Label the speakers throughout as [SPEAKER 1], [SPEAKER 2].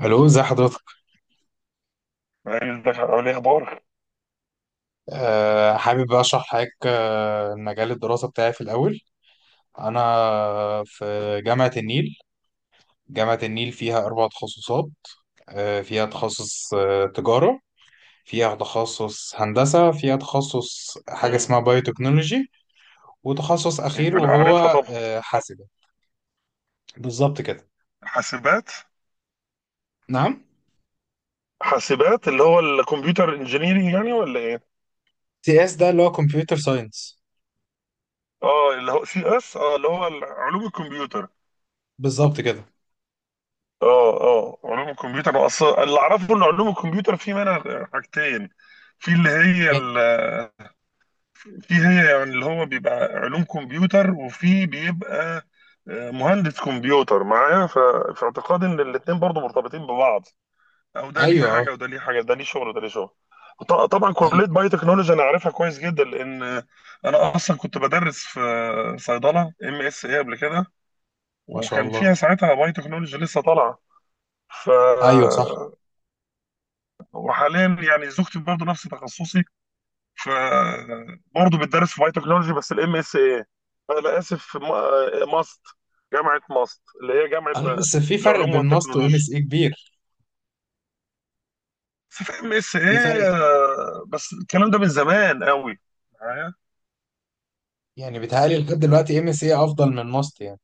[SPEAKER 1] الو، ازي حضرتك؟
[SPEAKER 2] عايز اقول ايه، اخبارك؟
[SPEAKER 1] حابب بقى اشرح لحضرتك، مجال الدراسه بتاعي. في الاول انا في جامعه النيل جامعه النيل فيها اربع تخصصات. فيها تخصص تجاره، فيها تخصص هندسه، فيها تخصص حاجه
[SPEAKER 2] مم.
[SPEAKER 1] اسمها بايوتكنولوجي، وتخصص
[SPEAKER 2] إيه،
[SPEAKER 1] اخير
[SPEAKER 2] لا عارفها
[SPEAKER 1] وهو
[SPEAKER 2] طبعا.
[SPEAKER 1] حاسبه. بالظبط كده.
[SPEAKER 2] حاسبات.
[SPEAKER 1] نعم.
[SPEAKER 2] حاسبات اللي هو الكمبيوتر انجينيرنج يعني ولا ايه؟
[SPEAKER 1] سي اس ده اللي هو كمبيوتر ساينس.
[SPEAKER 2] اه، اللي هو CS، اه، اللي هو علوم الكمبيوتر.
[SPEAKER 1] بالظبط كده.
[SPEAKER 2] اه، اه، علوم الكمبيوتر اصلا اللي اعرفه ان علوم الكمبيوتر في منها حاجتين. في اللي هي
[SPEAKER 1] يعني،
[SPEAKER 2] في هي يعني اللي هو بيبقى علوم كمبيوتر وفي بيبقى مهندس كمبيوتر معايا في اعتقاد ان الاتنين برضو مرتبطين ببعض. او ده ليه
[SPEAKER 1] ايوه، اه.
[SPEAKER 2] حاجه وده ليه حاجه، ده ليه شغل وده ليه شغل. طبعا، كليه
[SPEAKER 1] ايوه.
[SPEAKER 2] باي تكنولوجي انا عارفها كويس جدا لان انا اصلا كنت بدرس في صيدله MSA قبل كده.
[SPEAKER 1] ما شاء
[SPEAKER 2] وكان
[SPEAKER 1] الله.
[SPEAKER 2] فيها ساعتها باي تكنولوجي لسه طالعه. ف
[SPEAKER 1] ايوه، صح.
[SPEAKER 2] وحاليا يعني زوجتي برضه نفس تخصصي. ف برضه بتدرس في باي تكنولوجي بس الام اس اي. انا اسف، ماست. جامعه ماست اللي هي جامعه
[SPEAKER 1] انا بس في فرق
[SPEAKER 2] العلوم
[SPEAKER 1] بين ماست وام
[SPEAKER 2] والتكنولوجيا.
[SPEAKER 1] اس اي كبير.
[SPEAKER 2] بس في ام اس
[SPEAKER 1] في فرق
[SPEAKER 2] ايه بس الكلام ده من زمان قوي معايا.
[SPEAKER 1] يعني. بيتهيألي لحد دلوقتي ام سي افضل من ماست يعني.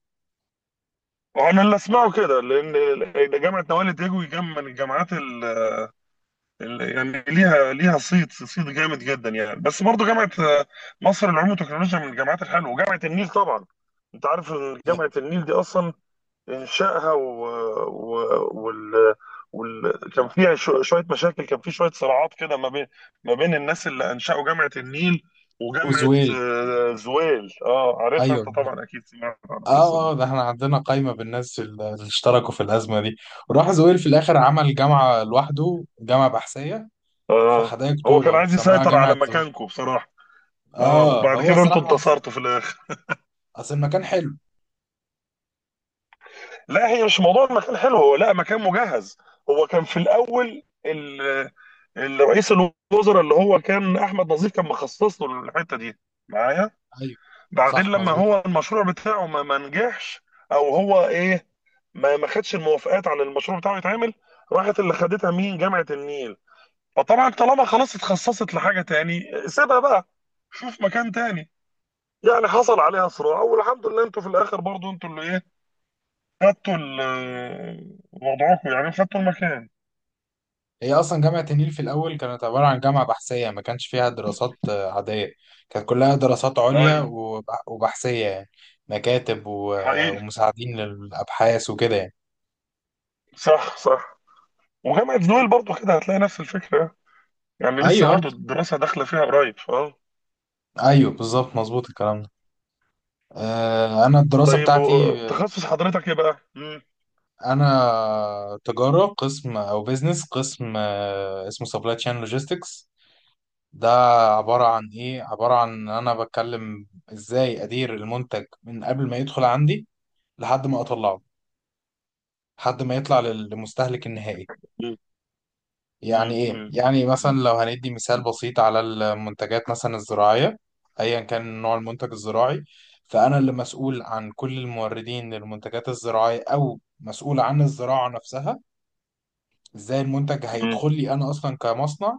[SPEAKER 2] وانا اللي اسمعه كده لأن جامعه نوال دجوي جام من الجامعات يعني ليها صيت صيت جامد جدا يعني، بس برضه جامعه مصر للعلوم والتكنولوجيا من الجامعات الحلوه، وجامعه النيل طبعا. انت عارف إن جامعه النيل دي اصلا انشائها و... وال... كان في يعني شويه مشاكل، كان في شويه صراعات كده ما بين الناس اللي انشأوا جامعه النيل. وجامعه
[SPEAKER 1] اوزويل.
[SPEAKER 2] زويل. اه، عارفها انت
[SPEAKER 1] ايوه.
[SPEAKER 2] طبعا، اكيد سمعت عن القصه
[SPEAKER 1] اه
[SPEAKER 2] دي.
[SPEAKER 1] اه، ده احنا عندنا قايمة بالناس اللي اشتركوا في الأزمة دي، وراح زويل في الآخر عمل جامعة لوحده، جامعة بحثية في
[SPEAKER 2] اه،
[SPEAKER 1] حدائق
[SPEAKER 2] هو كان
[SPEAKER 1] أكتوبر،
[SPEAKER 2] عايز
[SPEAKER 1] سماها
[SPEAKER 2] يسيطر على
[SPEAKER 1] جامعة زويل.
[SPEAKER 2] مكانكم بصراحه. اه،
[SPEAKER 1] اه،
[SPEAKER 2] وبعد
[SPEAKER 1] هو
[SPEAKER 2] كده انتوا
[SPEAKER 1] صراحة أصل،
[SPEAKER 2] انتصرتوا في الاخر.
[SPEAKER 1] أصل المكان حلو.
[SPEAKER 2] لا، هي مش موضوع المكان حلو، هو لا مكان مجهز. هو كان في الاول الرئيس الوزراء اللي هو كان احمد نظيف كان مخصص له الحته دي. معايا.
[SPEAKER 1] أيوه،
[SPEAKER 2] بعدين
[SPEAKER 1] صح،
[SPEAKER 2] لما
[SPEAKER 1] مظبوط.
[SPEAKER 2] هو المشروع بتاعه ما نجحش. او هو ايه، ما خدش الموافقات على المشروع بتاعه يتعمل. راحت اللي خدتها مين؟ جامعة النيل. فطبعا طالما خلاص اتخصصت لحاجة تاني سيبها بقى. شوف مكان تاني. يعني حصل عليها صراع والحمد لله انتوا في الاخر، برضو انتوا اللي ايه، خدتوا وضعكم، يعني خدتوا المكان.
[SPEAKER 1] هي اصلا جامعه النيل في الاول كانت عباره عن جامعه بحثيه، ما كانش فيها دراسات عاديه. كانت كلها دراسات عليا
[SPEAKER 2] ايوه.
[SPEAKER 1] وبحثيه يعني، مكاتب
[SPEAKER 2] حقيقي.
[SPEAKER 1] ومساعدين للابحاث وكده يعني.
[SPEAKER 2] صح، صح. وجامعة نويل برضو كده هتلاقي نفس الفكرة. يعني لسه
[SPEAKER 1] ايوه،
[SPEAKER 2] برضو الدراسة داخلة فيها قريب. اه.
[SPEAKER 1] ايوه بالظبط، مظبوط الكلام ده. انا الدراسه
[SPEAKER 2] طيب،
[SPEAKER 1] بتاعتي،
[SPEAKER 2] تخصص حضرتك ايه بقى؟
[SPEAKER 1] انا تجاره قسم او بيزنس قسم، اسمه سبلاي تشين لوجيستكس. ده عباره عن ايه؟ عباره عن ان انا بتكلم ازاي ادير المنتج من قبل ما يدخل عندي لحد ما اطلعه، لحد ما يطلع لمستهلك النهائي.
[SPEAKER 2] مم.
[SPEAKER 1] يعني
[SPEAKER 2] مم.
[SPEAKER 1] ايه؟ يعني مثلا
[SPEAKER 2] مم.
[SPEAKER 1] لو هندي مثال بسيط على المنتجات مثلا الزراعية، ايا كان نوع المنتج الزراعي، فانا اللي مسؤول عن كل الموردين للمنتجات الزراعية، او مسؤول عن الزراعة نفسها. ازاي المنتج
[SPEAKER 2] مم.
[SPEAKER 1] هيدخل لي انا اصلا كمصنع؟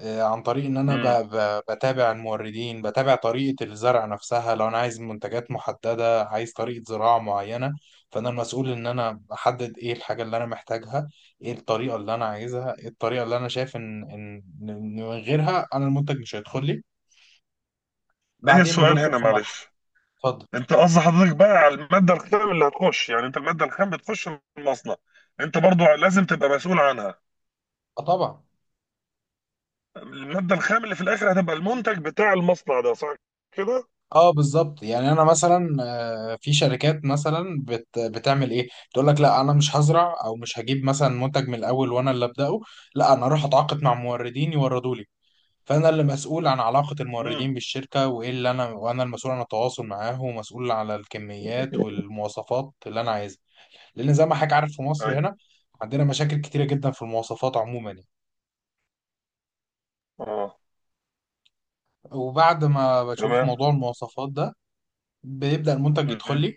[SPEAKER 1] عن طريق ان انا
[SPEAKER 2] مم.
[SPEAKER 1] بتابع الموردين، بتابع طريقة الزرع نفسها. لو انا عايز منتجات محددة، عايز طريقة زراعة معينة، فانا المسؤول ان انا احدد ايه الحاجة اللي انا محتاجها، ايه الطريقة اللي انا عايزها، ايه الطريقة اللي انا شايف ان ان إن من غيرها انا المنتج مش هيدخل لي.
[SPEAKER 2] ليا
[SPEAKER 1] بعدين
[SPEAKER 2] سؤال
[SPEAKER 1] بندخل
[SPEAKER 2] هنا،
[SPEAKER 1] في مرحلة.
[SPEAKER 2] معلش.
[SPEAKER 1] اتفضل.
[SPEAKER 2] انت قصد حضرتك بقى على الماده الخام اللي هتخش، يعني انت الماده الخام بتخش المصنع. انت برضو لازم تبقى مسؤول عنها.
[SPEAKER 1] اه طبعا.
[SPEAKER 2] الماده الخام اللي في الاخر هتبقى المنتج بتاع المصنع ده، صح كده؟
[SPEAKER 1] اه بالظبط. يعني انا مثلا في شركات مثلا بتعمل ايه، تقول لك لا انا مش هزرع او مش هجيب مثلا منتج من الاول وانا اللي ابداه، لا انا اروح اتعاقد مع موردين يوردوا لي. فانا اللي مسؤول عن علاقه
[SPEAKER 2] مم.
[SPEAKER 1] الموردين بالشركه، وايه اللي انا، وانا المسؤول عن التواصل معاهم، ومسؤول على الكميات والمواصفات اللي انا عايزها. لان زي ما حضرتك عارف في مصر
[SPEAKER 2] ايوه،
[SPEAKER 1] هنا عندنا مشاكل كتيره جدا في المواصفات عموما يعني.
[SPEAKER 2] اه.
[SPEAKER 1] وبعد ما بشوف
[SPEAKER 2] تمام.
[SPEAKER 1] موضوع المواصفات ده، بيبدا المنتج يدخل
[SPEAKER 2] مم.
[SPEAKER 1] لي.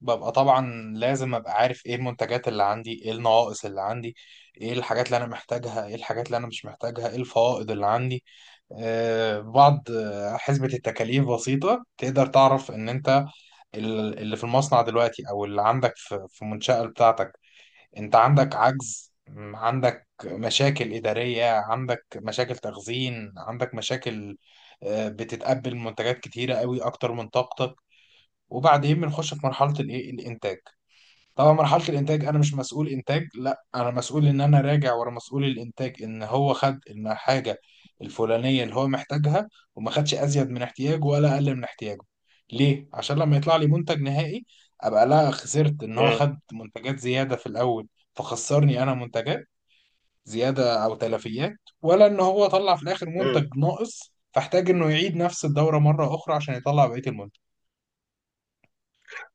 [SPEAKER 1] ببقى طبعا لازم ابقى عارف ايه المنتجات اللي عندي، ايه النواقص اللي عندي، ايه الحاجات اللي انا محتاجها، ايه الحاجات اللي انا مش محتاجها، ايه الفوائض اللي عندي. بعض حسبة التكاليف بسيطة تقدر تعرف ان انت اللي في المصنع دلوقتي او اللي عندك في في المنشأة بتاعتك انت عندك عجز، عندك مشاكل إدارية، عندك مشاكل تخزين، عندك مشاكل، بتتقبل منتجات كتيرة قوي اكتر من طاقتك. وبعدين بنخش في مرحلة الايه، الانتاج. طبعا مرحلة الإنتاج أنا مش مسؤول إنتاج، لا أنا مسؤول إن أنا راجع ورا مسؤول الإنتاج إن هو خد الحاجة الفلانية اللي هو محتاجها، وما خدش أزيد من احتياجه ولا أقل من احتياجه. ليه؟ عشان لما يطلع لي منتج نهائي أبقى لا خسرت إن هو
[SPEAKER 2] مم.
[SPEAKER 1] خد منتجات زيادة في الأول فخسرني أنا منتجات زيادة أو تلفيات، ولا إن هو طلع في الآخر
[SPEAKER 2] مم.
[SPEAKER 1] منتج ناقص فاحتاج إنه يعيد نفس الدورة مرة أخرى عشان يطلع بقية المنتج.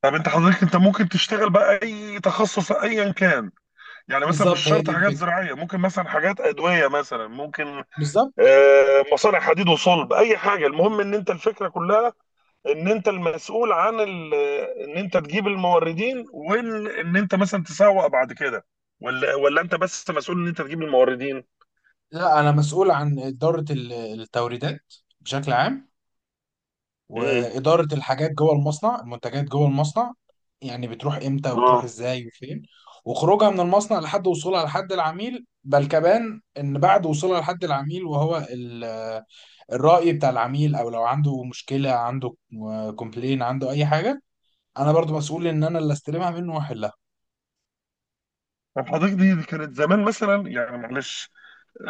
[SPEAKER 2] طب حضرتك ممكن تشتغل بقى اي تخصص ايا كان. يعني مثلا مش
[SPEAKER 1] بالظبط، هي
[SPEAKER 2] شرط
[SPEAKER 1] دي
[SPEAKER 2] حاجات
[SPEAKER 1] الفكرة.
[SPEAKER 2] زراعيه، ممكن مثلا حاجات ادويه مثلا ممكن.
[SPEAKER 1] بالظبط.
[SPEAKER 2] مصانع حديد وصلب، اي حاجه، المهم ان انت الفكره كلها، ان انت المسؤول عن ان انت تجيب الموردين وان انت مثلا تسوق بعد كده. ولا انت بس مسؤول ان انت تجيب الموردين؟
[SPEAKER 1] لا انا مسؤول عن اداره التوريدات بشكل عام،
[SPEAKER 2] امم.
[SPEAKER 1] واداره الحاجات جوه المصنع، المنتجات جوه المصنع. يعني بتروح امتى وتروح
[SPEAKER 2] اه.
[SPEAKER 1] ازاي وفين، وخروجها من المصنع لحد وصولها لحد العميل. بل كمان ان بعد وصولها لحد العميل وهو الراي بتاع العميل، او لو عنده مشكله، عنده كومبلين، عنده اي حاجه انا برضو مسؤول ان انا اللي استلمها منه واحلها.
[SPEAKER 2] طب حضرتك دي كانت زمان مثلا، يعني معلش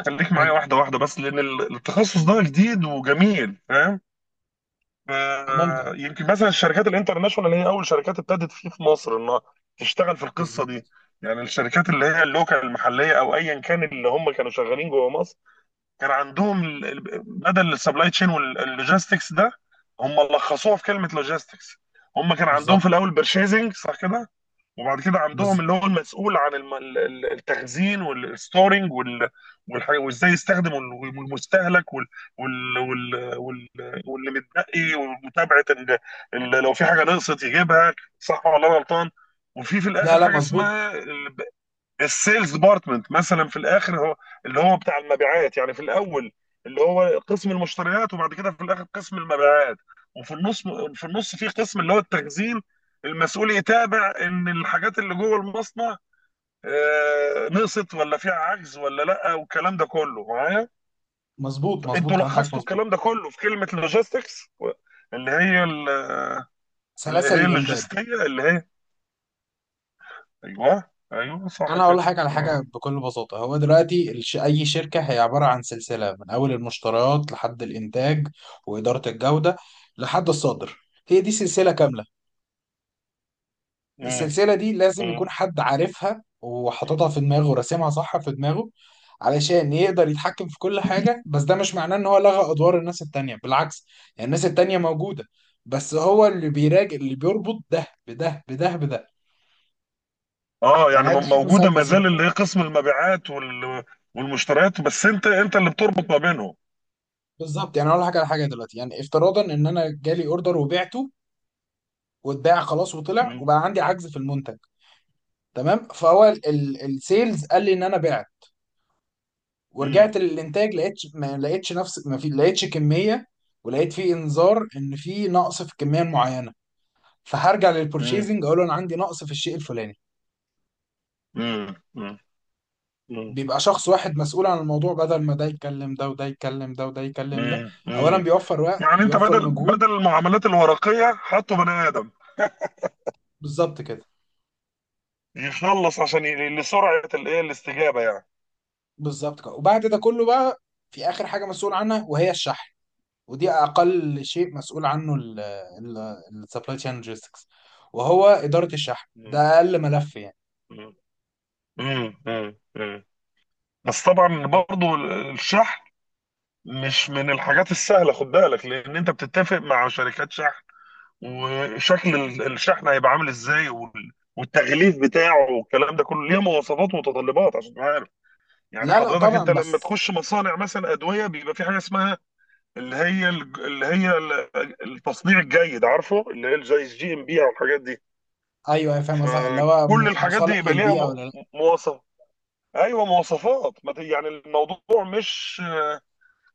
[SPEAKER 2] خليك معايا
[SPEAKER 1] اتفضل.
[SPEAKER 2] واحده واحده، بس لان التخصص ده جديد وجميل، فاهم؟
[SPEAKER 1] ممتع.
[SPEAKER 2] يمكن مثلا الشركات الانترناشونال هي اول شركات ابتدت فيه في مصر انها تشتغل في القصه دي.
[SPEAKER 1] بالظبط.
[SPEAKER 2] يعني الشركات اللي هي اللوكال المحليه او ايا كان اللي هم كانوا شغالين جوه مصر كان عندهم بدل السبلاي تشين واللوجيستكس ده، هم لخصوها في كلمه لوجيستكس. هم كان عندهم في
[SPEAKER 1] بالظبط.
[SPEAKER 2] الاول بيرشيزنج، صح كده؟ وبعد كده عندهم
[SPEAKER 1] بز...
[SPEAKER 2] اللي هو المسؤول عن التخزين والستورنج وازاي يستخدموا المستهلك وال- وال- واللي متبقي ومتابعه لو في حاجه نقصت يجيبها. صح ولا أنا غلطان؟ وفي
[SPEAKER 1] لا
[SPEAKER 2] الاخر
[SPEAKER 1] لا،
[SPEAKER 2] حاجه
[SPEAKER 1] مظبوط،
[SPEAKER 2] اسمها السيلز ديبارتمنت، مثلا في الاخر هو اللي هو بتاع المبيعات يعني، في الاول اللي هو قسم المشتريات، وبعد كده في الاخر قسم المبيعات. وفي النص، في قسم اللي هو التخزين، المسؤول يتابع ان الحاجات اللي جوه المصنع نقصت، ولا فيها عجز، ولا لا، والكلام ده كله معايا.
[SPEAKER 1] مظبوط،
[SPEAKER 2] انتوا
[SPEAKER 1] مظبوط كلام حضرتك
[SPEAKER 2] لخصتوا
[SPEAKER 1] مظبوط.
[SPEAKER 2] الكلام ده كله في كلمه لوجيستكس، اللي هي اللي
[SPEAKER 1] سلاسل
[SPEAKER 2] هي
[SPEAKER 1] الامداد.
[SPEAKER 2] اللوجستيه، اللي هي ايوه، ايوه، صح
[SPEAKER 1] انا اقول
[SPEAKER 2] كده.
[SPEAKER 1] لحضرتك على حاجه
[SPEAKER 2] آه.
[SPEAKER 1] بكل بساطه. هو دلوقتي اي شركه هي عباره عن سلسله من اول المشتريات لحد الانتاج، واداره الجوده، لحد الصادر. هي دي سلسله كامله. السلسله دي لازم يكون
[SPEAKER 2] آه.
[SPEAKER 1] حد عارفها وحاططها في دماغه وراسمها صح في دماغه علشان يقدر يتحكم في كل حاجه. بس ده مش معناه ان هو لغى ادوار الناس التانيه، بالعكس. يعني الناس التانيه موجوده، بس هو اللي بيراجع، اللي بيربط ده بده، بده بده.
[SPEAKER 2] اه يعني
[SPEAKER 1] يعني هدي مثال
[SPEAKER 2] موجوده ما
[SPEAKER 1] بسيط.
[SPEAKER 2] زال اللي هي قسم المبيعات والمشتريات، بس انت اللي بتربط ما بينهم.
[SPEAKER 1] بالظبط. يعني اقول لك على حاجه. دلوقتي يعني افتراضا ان انا جالي اوردر وبعته واتباع خلاص وطلع
[SPEAKER 2] مم.
[SPEAKER 1] وبقى عندي عجز في المنتج. تمام. فهو السيلز قال لي ان انا بعت،
[SPEAKER 2] مم.
[SPEAKER 1] ورجعت للانتاج لقيت، ما لقيتش نفس ما في، لقيتش كميه، ولقيت في انذار ان في نقص في الكميه المعينه. فهرجع
[SPEAKER 2] مم.
[SPEAKER 1] للبورشيزنج اقول له انا عندي نقص في الشيء الفلاني.
[SPEAKER 2] مم. مم. مم.
[SPEAKER 1] بيبقى شخص واحد مسؤول عن الموضوع بدل ما ده يتكلم ده وده يتكلم ده وده يتكلم ده.
[SPEAKER 2] مم.
[SPEAKER 1] اولا
[SPEAKER 2] مم.
[SPEAKER 1] بيوفر وقت،
[SPEAKER 2] يعني انت
[SPEAKER 1] بيوفر
[SPEAKER 2] بدل
[SPEAKER 1] مجهود.
[SPEAKER 2] بدل المعاملات الورقيه حطوا بني ادم
[SPEAKER 1] بالظبط كده.
[SPEAKER 2] يخلص عشان لسرعه الايه الاستجابه يعني.
[SPEAKER 1] بالظبط كده. وبعد ده كله بقى، في اخر حاجه مسؤول عنها وهي الشحن. ودي اقل شيء مسؤول عنه السبلاي تشين لوجيستكس، وهو اداره الشحن.
[SPEAKER 2] مم.
[SPEAKER 1] ده اقل ملف يعني.
[SPEAKER 2] مم. مم. مم. مم. بس طبعا برضو الشحن مش من الحاجات السهله، خد بالك، لان انت بتتفق مع شركات شحن وشكل الشحن هيبقى عامل ازاي والتغليف بتاعه والكلام ده كله ليه مواصفات ومتطلبات عشان تبقى عارف. يعني
[SPEAKER 1] لا لا
[SPEAKER 2] حضرتك انت
[SPEAKER 1] طبعا
[SPEAKER 2] لما
[SPEAKER 1] بس.
[SPEAKER 2] تخش مصانع مثلا ادويه بيبقى في حاجه اسمها اللي هي اللي هي التصنيع الجيد، عارفه، اللي هي زي الجي ام بي او الحاجات دي.
[SPEAKER 1] ايوه، أيوة، فاهم قصدي، اللي هو
[SPEAKER 2] فكل الحاجات دي
[SPEAKER 1] مصالح
[SPEAKER 2] يبقى ليها
[SPEAKER 1] للبيئه ولا لا.
[SPEAKER 2] مواصف. ايوه مواصفات، ما ت- يعني الموضوع مش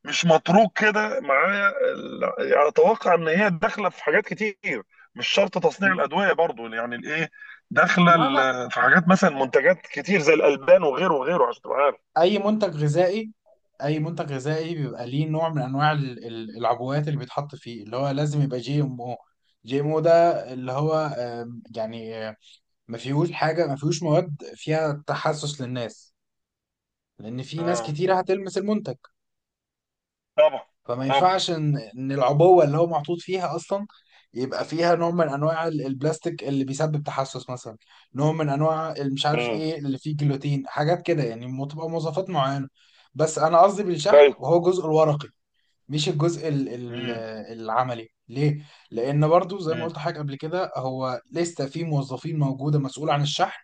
[SPEAKER 2] مش متروك كده معايا. يعني اتوقع ان هي داخله في حاجات كتير، مش شرط تصنيع الادويه برضو يعني الايه، داخله
[SPEAKER 1] لا لا.
[SPEAKER 2] في حاجات مثلا منتجات كتير زي الالبان وغيره وغيره عشان تبقى عارف.
[SPEAKER 1] اي منتج غذائي، اي منتج غذائي بيبقى ليه نوع من انواع العبوات اللي بيتحط فيه، اللي هو لازم يبقى جي ام او. جي ام او ده اللي هو يعني ما فيهوش حاجة، ما فيهوش مواد فيها تحسس للناس، لأن في ناس
[SPEAKER 2] اه،
[SPEAKER 1] كتيرة هتلمس المنتج.
[SPEAKER 2] طبعا،
[SPEAKER 1] فما
[SPEAKER 2] طبعا.
[SPEAKER 1] ينفعش إن العبوة اللي هو محطوط فيها أصلا يبقى فيها نوع من أنواع البلاستيك اللي بيسبب تحسس مثلا، نوع من أنواع مش عارف
[SPEAKER 2] امم.
[SPEAKER 1] إيه اللي فيه جلوتين، حاجات كده يعني. تبقى مواصفات معينة. بس أنا قصدي بالشحن
[SPEAKER 2] ايوه.
[SPEAKER 1] وهو الجزء الورقي، مش الجزء ال
[SPEAKER 2] امم.
[SPEAKER 1] العملي. ليه؟ لأن برضو زي ما
[SPEAKER 2] امم.
[SPEAKER 1] قلت حاجة قبل كده، هو لسه في موظفين موجودة مسؤولة عن الشحن.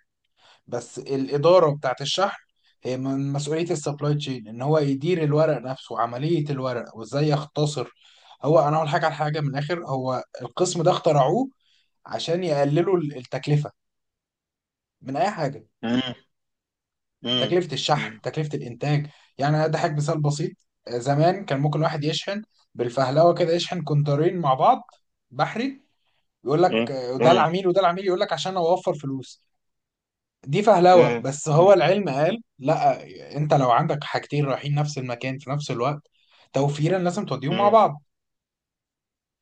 [SPEAKER 1] بس الإدارة بتاعت الشحن هي من مسؤولية السبلاي تشين إن هو يدير الورق نفسه، عملية الورق وإزاي يختصر. هو أنا أقول حاجة على حاجة من الآخر، هو القسم ده اخترعوه عشان يقللوا التكلفة من أي حاجة.
[SPEAKER 2] امم.
[SPEAKER 1] تكلفة الشحن،
[SPEAKER 2] امم.
[SPEAKER 1] تكلفة الإنتاج. يعني أنا أضحك مثال بسيط. زمان كان ممكن واحد يشحن بالفهلوة كده، يشحن كونترين مع بعض بحري. يقول
[SPEAKER 2] امم. امم.
[SPEAKER 1] لك ده
[SPEAKER 2] امم.
[SPEAKER 1] العميل وده العميل، يقول لك عشان أوفر فلوس. دي فهلوة، بس هو
[SPEAKER 2] امم.
[SPEAKER 1] العلم قال لا. انت لو عندك حاجتين رايحين نفس المكان في نفس الوقت، توفيرا لازم توديهم مع
[SPEAKER 2] امم.
[SPEAKER 1] بعض.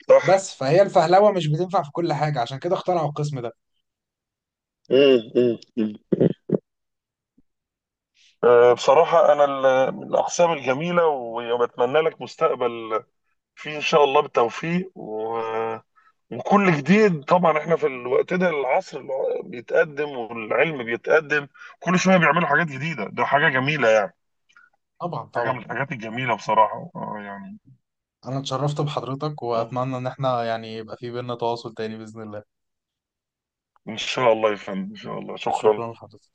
[SPEAKER 2] صح.
[SPEAKER 1] بس فهي الفهلوة مش بتنفع في كل حاجة، عشان كده اخترعوا القسم ده.
[SPEAKER 2] امم. امم. أمم. بصراحة أنا من الأقسام الجميلة وبتمنى لك مستقبل فيه إن شاء الله، بالتوفيق وكل جديد. طبعا احنا في الوقت ده العصر اللي هو بيتقدم والعلم بيتقدم، كل شويه بيعملوا حاجات جديده، ده حاجه جميله يعني.
[SPEAKER 1] طبعا
[SPEAKER 2] حاجه من
[SPEAKER 1] طبعا.
[SPEAKER 2] الحاجات الجميله بصراحه، اه يعني.
[SPEAKER 1] انا اتشرفت بحضرتك
[SPEAKER 2] آه.
[SPEAKER 1] واتمنى ان احنا يعني يبقى في بينا تواصل تاني بإذن الله.
[SPEAKER 2] ان شاء الله يا فندم، ان شاء الله، شكرا.
[SPEAKER 1] شكرا لحضرتك.